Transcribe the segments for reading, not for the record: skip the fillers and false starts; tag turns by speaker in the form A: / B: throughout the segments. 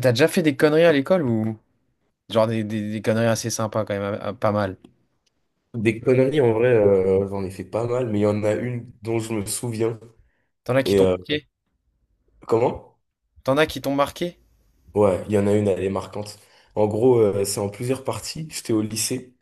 A: T'as déjà fait des conneries à l'école, ou genre des conneries assez sympas quand même, pas mal.
B: Des conneries, en vrai, j'en ai fait pas mal, mais il y en a une dont je me souviens.
A: T'en as qui
B: Et
A: t'ont
B: euh,
A: marqué?
B: Comment?
A: T'en as qui t'ont marqué?
B: Ouais, il y en a une, elle est marquante. En gros, c'est en plusieurs parties. J'étais au lycée.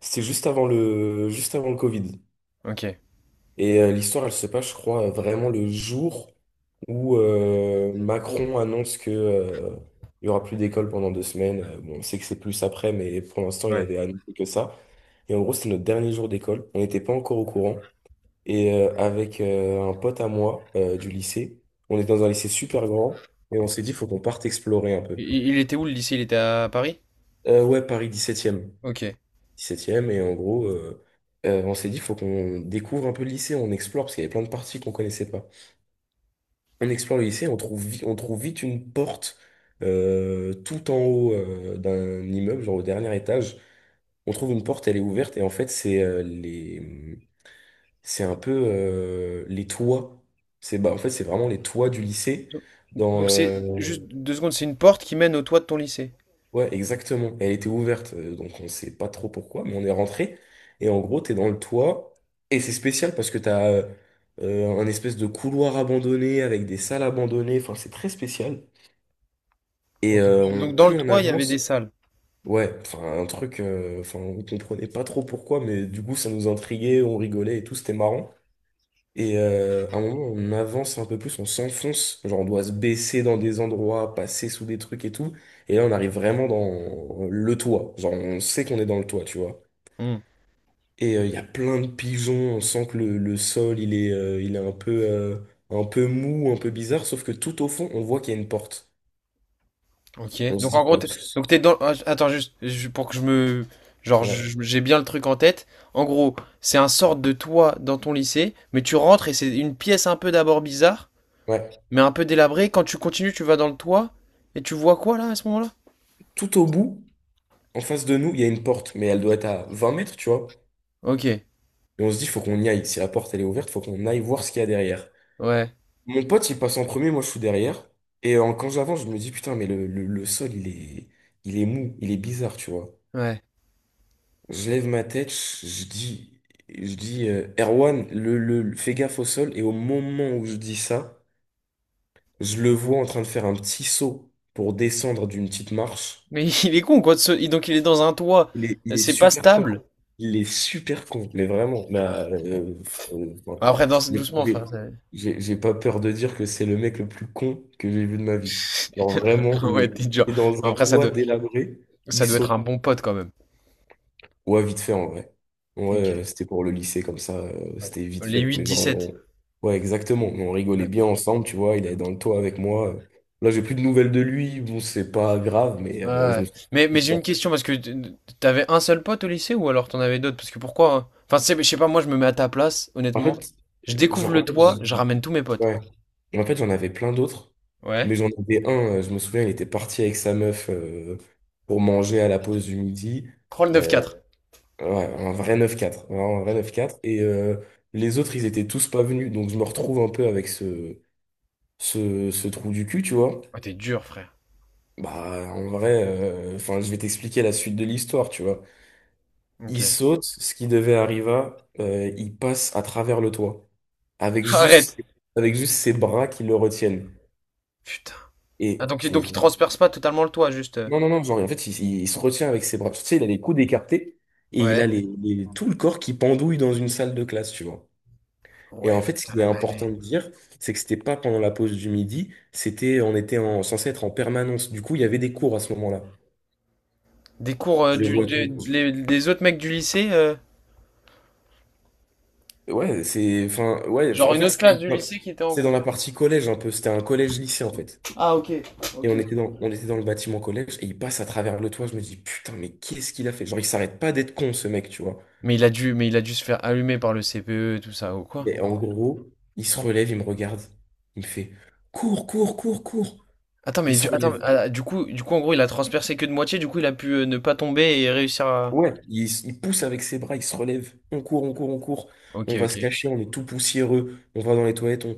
B: C'était juste avant le Covid.
A: Ok.
B: L'histoire, elle se passe, je crois, vraiment le jour où Macron annonce que il y aura plus d'école pendant deux semaines. Bon, on sait que c'est plus après, mais pour l'instant, il
A: Ouais.
B: avait annoncé que ça. Et en gros, c'était notre dernier jour d'école. On n'était pas encore au courant. Avec un pote à moi du lycée, on est dans un lycée super grand et on s'est dit, faut qu'on parte explorer un peu.
A: Il était où le lycée? Il était à Paris?
B: Ouais, Paris 17e.
A: Ok.
B: 17e, et en gros, on s'est dit, faut qu'on découvre un peu le lycée, on explore, parce qu'il y avait plein de parties qu'on connaissait pas. On explore le lycée, on trouve vite une porte tout en haut d'un immeuble, genre au dernier étage. On trouve une porte, elle est ouverte, et en fait, c'est un peu les toits. C'est bah, en fait c'est vraiment les toits du lycée.
A: Do-
B: Dans
A: Donc c'est, juste deux secondes, c'est une porte qui mène au toit de ton lycée.
B: Ouais, exactement. Elle était ouverte, donc on sait pas trop pourquoi, mais on est rentré et en gros t'es dans le toit et c'est spécial parce que t'as un espèce de couloir abandonné avec des salles abandonnées. Enfin c'est très spécial.
A: Ok. Donc dans le
B: Plus on
A: toit, il y avait des
B: avance,
A: salles.
B: ouais, enfin un truc, enfin on comprenait pas trop pourquoi, mais du coup ça nous intriguait, on rigolait et tout, c'était marrant. À un moment, on avance un peu plus, on s'enfonce, genre on doit se baisser dans des endroits, passer sous des trucs et tout. Et là, on arrive vraiment dans le toit. Genre, on sait qu'on est dans le toit, tu vois.
A: Hmm.
B: Il y a plein de pigeons, on sent que le sol, il est un peu mou, un peu bizarre, sauf que tout au fond, on voit qu'il y a une porte.
A: Ok.
B: On se
A: Donc en
B: dit,
A: gros,
B: ouais,
A: t'es-
B: pss,
A: donc t'es dans, attends juste pour que je me,
B: ouais.
A: j'ai bien le truc en tête. En gros, c'est un sorte de toit dans ton lycée, mais tu rentres et c'est une pièce un peu d'abord bizarre.
B: Ouais.
A: Mais un peu délabré, quand tu continues, tu vas dans le toit, et tu vois quoi là à ce moment-là?
B: Tout au bout, en face de nous, il y a une porte, mais elle doit être à 20 mètres, tu vois.
A: Ok,
B: Et on se dit, faut qu'on y aille. Si la porte, elle est ouverte, faut qu'on aille voir ce qu'il y a derrière.
A: ouais,
B: Mon pote, il passe en premier, moi je suis derrière. Quand j'avance, je me dis, putain, mais le sol, il est mou, il est bizarre, tu vois.
A: ouais.
B: Je lève ma tête, je dis, Erwan, fais gaffe au sol. Et au moment où je dis ça, je le vois en train de faire un petit saut pour descendre d'une petite marche.
A: Mais il est con quoi, donc il est dans un toit,
B: Il est
A: c'est pas
B: super con.
A: stable.
B: Il est super con, mais vraiment. Euh, enfin,
A: Après, danse
B: j'ai
A: doucement frère.
B: j'ai- j'ai pas peur de dire que c'est le mec le plus con que j'ai vu de ma vie. Genre vraiment,
A: Ouais, t'es
B: il
A: dur.
B: est dans un
A: Après,
B: toit délabré,
A: ça
B: il
A: doit être
B: saute.
A: un bon pote quand même.
B: Ouais, vite fait en vrai. Ouais,
A: Ok.
B: c'était pour le lycée comme ça,
A: Ouais.
B: c'était vite
A: Les
B: fait.
A: 8-17.
B: Ouais, exactement. Mais on
A: Ouais.
B: rigolait bien ensemble, tu vois. Il allait dans le toit avec moi. Là, j'ai plus de nouvelles de lui. Bon, c'est pas grave, mais
A: Ouais,
B: je
A: ouais.
B: me suis
A: Mais j'ai une
B: histoire.
A: question parce que t'avais un seul pote au lycée, ou alors t'en avais d'autres? Parce que pourquoi, hein? Enfin, je sais pas, moi je me mets à ta place,
B: En
A: honnêtement.
B: fait,
A: Je découvre
B: genre,
A: le
B: en fait,
A: toit, je ramène tous mes potes.
B: Ouais. En fait, j'en avais plein d'autres,
A: Ouais.
B: mais j'en avais un, je me souviens, il était parti avec sa meuf pour manger à la pause du midi.
A: Prends le
B: Euh,
A: 9-4.
B: ouais, un vrai neuf quatre, vraiment un vrai neuf quatre. Les autres, ils étaient tous pas venus, donc je me retrouve un peu avec ce trou du cul, tu vois.
A: Ouais, t'es dur, frère.
B: Bah, en vrai, enfin, je vais t'expliquer la suite de l'histoire, tu vois.
A: Ok.
B: Il saute, ce qui devait arriver, il passe à travers le toit, avec
A: Arrête.
B: juste, avec juste ses bras qui le retiennent.
A: Putain. Ah,
B: Et je me
A: donc il
B: dis,
A: transperce pas totalement le toit, juste.
B: non, non, non, genre, en fait, il se retient avec ses bras. Tu sais, il a les coudes écartés et il
A: Ouais.
B: a tout le corps qui pendouille dans une salle de classe, tu vois. Et
A: Ouais,
B: en fait, ce
A: putain,
B: qui est
A: la dinguerie.
B: important de dire, c'est que c'était pas pendant la pause du midi, c'était, on était en, censé être en permanence. Du coup, il y avait des cours à ce moment-là.
A: Des cours
B: Je les vois.
A: des autres mecs du lycée,
B: Ouais, c'est, enfin, ouais, enfin,
A: genre
B: en
A: une
B: fait,
A: autre classe du lycée qui était en
B: c'était dans
A: cours.
B: la partie collège un peu. C'était un collège-lycée, en fait.
A: Ah, ok.
B: Et
A: Ok,
B: on était
A: ok.
B: on était dans le bâtiment collège et il passe à travers le toit. Je me dis, putain, mais qu'est-ce qu'il a fait? Genre, il s'arrête pas d'être con, ce mec, tu vois.
A: Mais il a dû se faire allumer par le CPE, et tout ça, ou quoi?
B: Mais en gros, il se relève, il me regarde. Il me fait cours, cours, cours, cours.
A: Attends,
B: Il
A: mais
B: se
A: du, attends, mais,
B: relève.
A: ah, du coup, en gros, il a transpercé que de moitié, du coup, il a pu ne pas tomber et réussir à.
B: Il pousse avec ses bras, il se relève. On court, on court, on court.
A: Ok,
B: On va
A: ok.
B: se cacher, on est tout poussiéreux. On va dans les toilettes, on,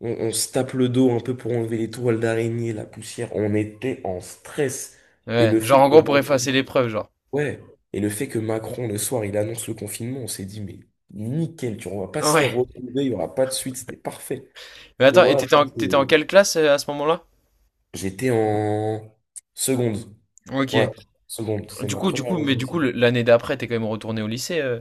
B: on, on se tape le dos un peu pour enlever les toiles d'araignée, la poussière. On était en stress. Et
A: Ouais,
B: le
A: genre
B: fait
A: en
B: que
A: gros pour
B: Macron,
A: effacer l'épreuve, genre.
B: ouais, et le fait que Macron, le soir, il annonce le confinement, on s'est dit, mais nickel, tu vois, on va pas se faire
A: Ouais.
B: retrouver, il y aura pas de suite, c'était parfait.
A: Mais
B: Mais
A: attends,
B: voilà.
A: t'étais en quelle classe à ce moment-là?
B: J'étais en seconde.
A: Ok.
B: Ouais, seconde. C'est
A: Du
B: ma
A: coup, du
B: première
A: coup,
B: année de
A: mais du coup,
B: lycée.
A: le- l'année d'après, t'es quand même retourné au lycée.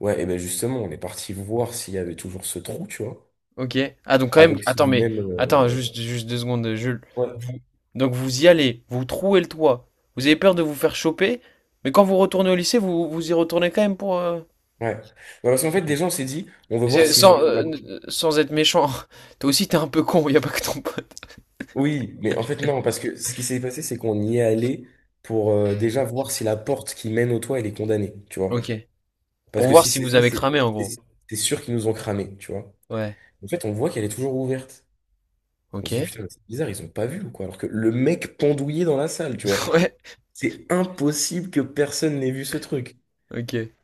B: Ouais, et ben justement, on est parti voir s'il y avait toujours ce trou, tu vois,
A: Ok. Ah, donc quand même.
B: avec ce
A: Attends, mais
B: même.
A: attends, juste, juste deux secondes, Jules.
B: Ouais,
A: Vous- Donc vous y allez, vous trouez le toit. Vous avez peur de vous faire choper, mais quand vous retournez au lycée, vous vous y retournez quand même pour.
B: ouais. Ouais, parce qu'en fait,
A: Ok.
B: déjà, on s'est dit, on veut voir s'ils ont
A: Sans
B: tout gardé.
A: sans être méchant. Toi aussi, t'es un peu con. Y a pas que ton pote.
B: Oui, mais en fait, non, parce que ce qui s'est passé, c'est qu'on y est allé pour déjà voir si la porte qui mène au toit, elle est condamnée, tu
A: Ok.
B: vois.
A: Pour
B: Parce que
A: voir
B: si
A: si
B: c'est
A: vous
B: ça,
A: avez cramé, en gros.
B: c'est sûr qu'ils nous ont cramé, tu vois.
A: Ouais.
B: En fait, on voit qu'elle est toujours ouverte. On
A: Ok.
B: se dit, putain, mais c'est bizarre, ils ont pas vu ou quoi? Alors que le mec pendouillé dans la salle, tu vois.
A: Ouais.
B: C'est impossible que personne n'ait vu ce truc.
A: Ok.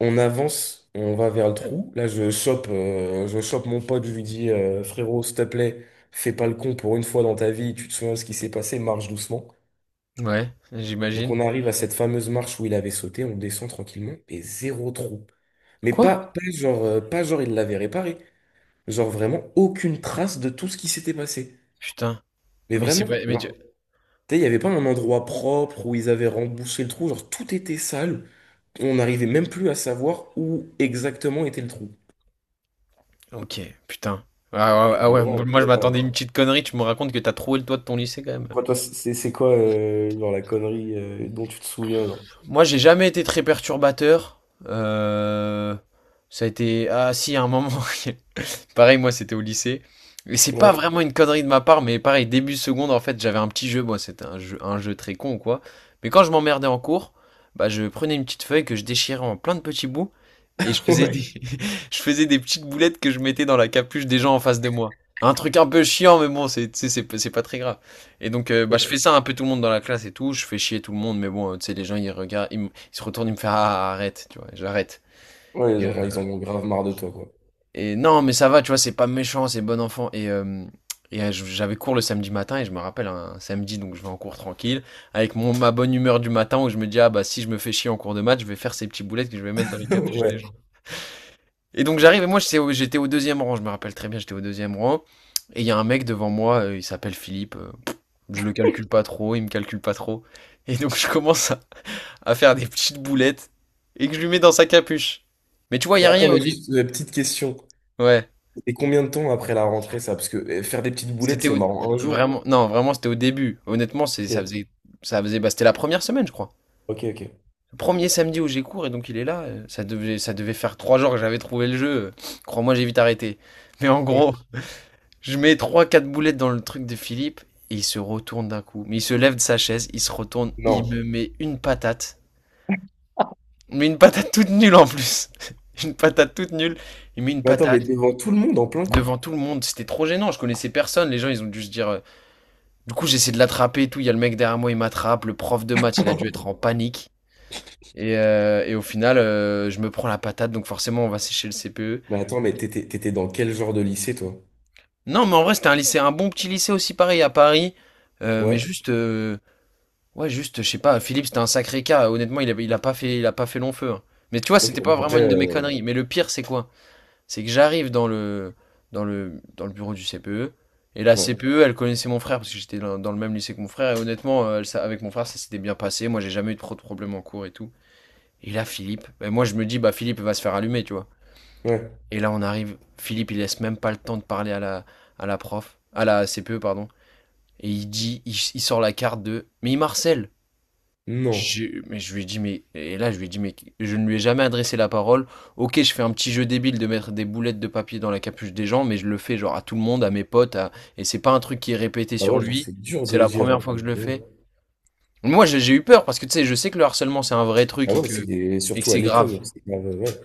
B: On avance, on va vers le trou. Là, je chope mon pote, je lui dis, frérot, s'il te plaît, fais pas le con pour une fois dans ta vie, tu te souviens de ce qui s'est passé, marche doucement.
A: Ouais,
B: Donc
A: j'imagine.
B: on arrive à cette fameuse marche où il avait sauté, on descend tranquillement, et zéro trou.
A: Quoi?
B: Pas genre, pas genre il l'avait réparé. Genre vraiment aucune trace de tout ce qui s'était passé.
A: Putain.
B: Mais
A: Mais c'est
B: vraiment.
A: pas.
B: Tu sais, il n'y avait pas un endroit propre où ils avaient rembouché le trou, genre tout était sale. On n'arrivait même plus à savoir où exactement était le trou.
A: Ok, putain. Ah ouais,
B: Et
A: ah ouais,
B: voilà,
A: moi je
B: voilà.
A: m'attendais à une petite connerie, tu me racontes que t'as trouvé le toit de ton lycée quand même.
B: Toi, c'est quoi genre la connerie dont tu te souviens genre?
A: Moi j'ai jamais été très perturbateur. Euh, Ça a été... Ah si, à un moment, pareil, moi, c'était au lycée. Et c'est pas
B: Ouais.
A: vraiment une connerie de ma part, mais pareil, début seconde, en fait, j'avais un petit jeu. Moi, c'était un jeu très con ou quoi. Mais quand je m'emmerdais en cours, bah, je prenais une petite feuille que je déchirais en plein de petits bouts et je faisais
B: Ouais.
A: des, je faisais des petites boulettes que je mettais dans la capuche des gens en face de moi. Un truc un peu chiant, mais bon, c'est, tu sais, c'est pas très grave. Et donc, bah, je fais ça un peu tout le monde dans la classe et tout. Je fais chier tout le monde, mais bon, tu sais, les gens, ils regardent, ils se retournent, ils me font, ah, arrête, tu vois, j'arrête.
B: Ouais, genre, ils en ont grave marre de toi, quoi.
A: Et non, mais ça va, tu vois, c'est pas méchant, c'est bon enfant. Et j'avais cours le samedi matin et je me rappelle un samedi, donc je vais en cours tranquille, avec ma bonne humeur du matin où je me dis, ah bah si je me fais chier en cours de maths, je vais faire ces petits boulettes que je vais mettre dans les capuches des
B: Ouais.
A: gens. Et donc j'arrive et moi j'étais au 2e rang, je me rappelle très bien, j'étais au 2e rang. Et il y a un mec devant moi, il s'appelle Philippe, je le calcule pas trop, il me calcule pas trop. Et donc à faire des petites boulettes et que je lui mets dans sa capuche. Mais tu vois, il y a
B: Attends,
A: rien au
B: mais
A: début.
B: juste une petite question.
A: Ouais.
B: Et combien de temps après la rentrée, ça? Parce que faire des petites boulettes,
A: C'était
B: c'est
A: au...
B: marrant. Un jour.
A: vraiment, non, vraiment, c'était au début. Honnêtement, c'est,
B: Ok,
A: ça faisait, bah, c'était la première semaine, je crois.
B: ok.
A: Le premier samedi où j'ai cours, et donc il est là. Ça devait faire 3 jours que j'avais trouvé le jeu. Crois-moi, j'ai vite arrêté. Mais en
B: Ouais.
A: gros, je mets trois, quatre boulettes dans le truc de Philippe, et il se retourne d'un coup. Mais il se lève de sa chaise, il se retourne, il
B: Non.
A: me met une patate. Mais une patate toute nulle en plus. Une patate toute nulle. Il met une
B: Mais attends,
A: patate
B: mais devant tout le monde en plein cours.
A: devant tout le monde. C'était trop gênant, je connaissais personne. Les gens, ils ont dû se dire, du coup, j'essaie de l'attraper et tout. Il y a le mec derrière moi, il m'attrape. Le prof de maths, il a dû être en panique. Et au final, je me prends la patate, donc forcément, on va sécher le CPE.
B: Mais attends, t'étais dans quel genre de lycée, toi?
A: Non, mais en vrai, c'était un lycée, un bon petit lycée aussi, pareil, à Paris. Euh, mais
B: Ouais.
A: juste, euh, ouais, juste, je sais pas, Philippe, c'était un sacré cas. Honnêtement, il a pas fait long feu, hein. Mais tu vois,
B: Ok,
A: c'était pas
B: bon, après,
A: vraiment une de mes conneries. Mais le pire, c'est quoi? C'est que j'arrive dans le bureau du CPE. Et la
B: ouais,
A: CPE, elle connaissait mon frère parce que j'étais dans le même lycée que mon frère. Et honnêtement, avec mon frère, ça s'était bien passé. Moi, j'ai jamais eu trop de problèmes en cours et tout. Et là, Philippe, ben, moi, je me dis, bah, Philippe va se faire allumer, tu vois.
B: ouais,
A: Et là, on arrive. Philippe, il laisse même pas le temps de parler à la prof, à la CPE, pardon. Et il dit, il sort la carte de, mais il marcelle.
B: non.
A: Je, mais je lui ai dit, mais, et là, je lui ai dit, mais je ne lui ai jamais adressé la parole. Ok, je fais un petit jeu débile de mettre des boulettes de papier dans la capuche des gens, mais je le fais genre à tout le monde, à mes potes, à- et c'est pas un truc qui est répété
B: Bah
A: sur
B: ouais, genre,
A: lui.
B: c'est dur
A: C'est
B: de
A: la
B: dire.
A: première fois que je le
B: Ouais.
A: fais. Moi, j'ai eu peur parce que tu sais, je sais que le harcèlement c'est un vrai truc et que
B: Surtout à
A: c'est grave.
B: l'école, c'est grave, ouais,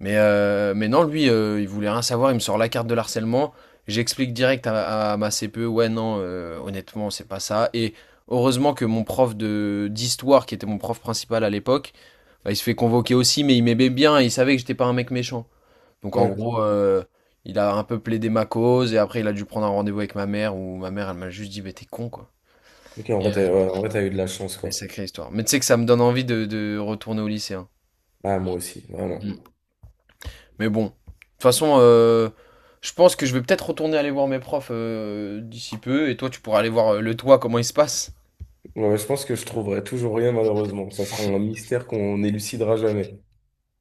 A: Mais, mais non, lui, il voulait rien savoir. Il me sort la carte de l'harcèlement. J'explique direct à ma CPE, ouais, non, honnêtement, c'est pas ça. Et heureusement que mon prof de d'histoire, qui était mon prof principal à l'époque, bah, il se fait convoquer aussi, mais il m'aimait bien et il savait que j'étais pas un mec méchant. Donc en
B: ouais.
A: gros, il a un peu plaidé ma cause et après il a dû prendre un rendez-vous avec ma mère où ma mère elle m'a juste dit, mais t'es con quoi. Et,
B: Ouais, en vrai, t'as eu de la chance,
A: mais
B: quoi.
A: sacrée histoire. Mais tu sais que ça me donne envie de retourner au lycée, hein.
B: Ah, moi aussi, vraiment.
A: Mais bon, de toute façon, je pense que je vais peut-être retourner aller voir mes profs d'ici peu et toi tu pourras aller voir le toit comment il se passe.
B: Ouais, je pense que je trouverai toujours rien, malheureusement. Ça sera un mystère qu'on élucidera jamais.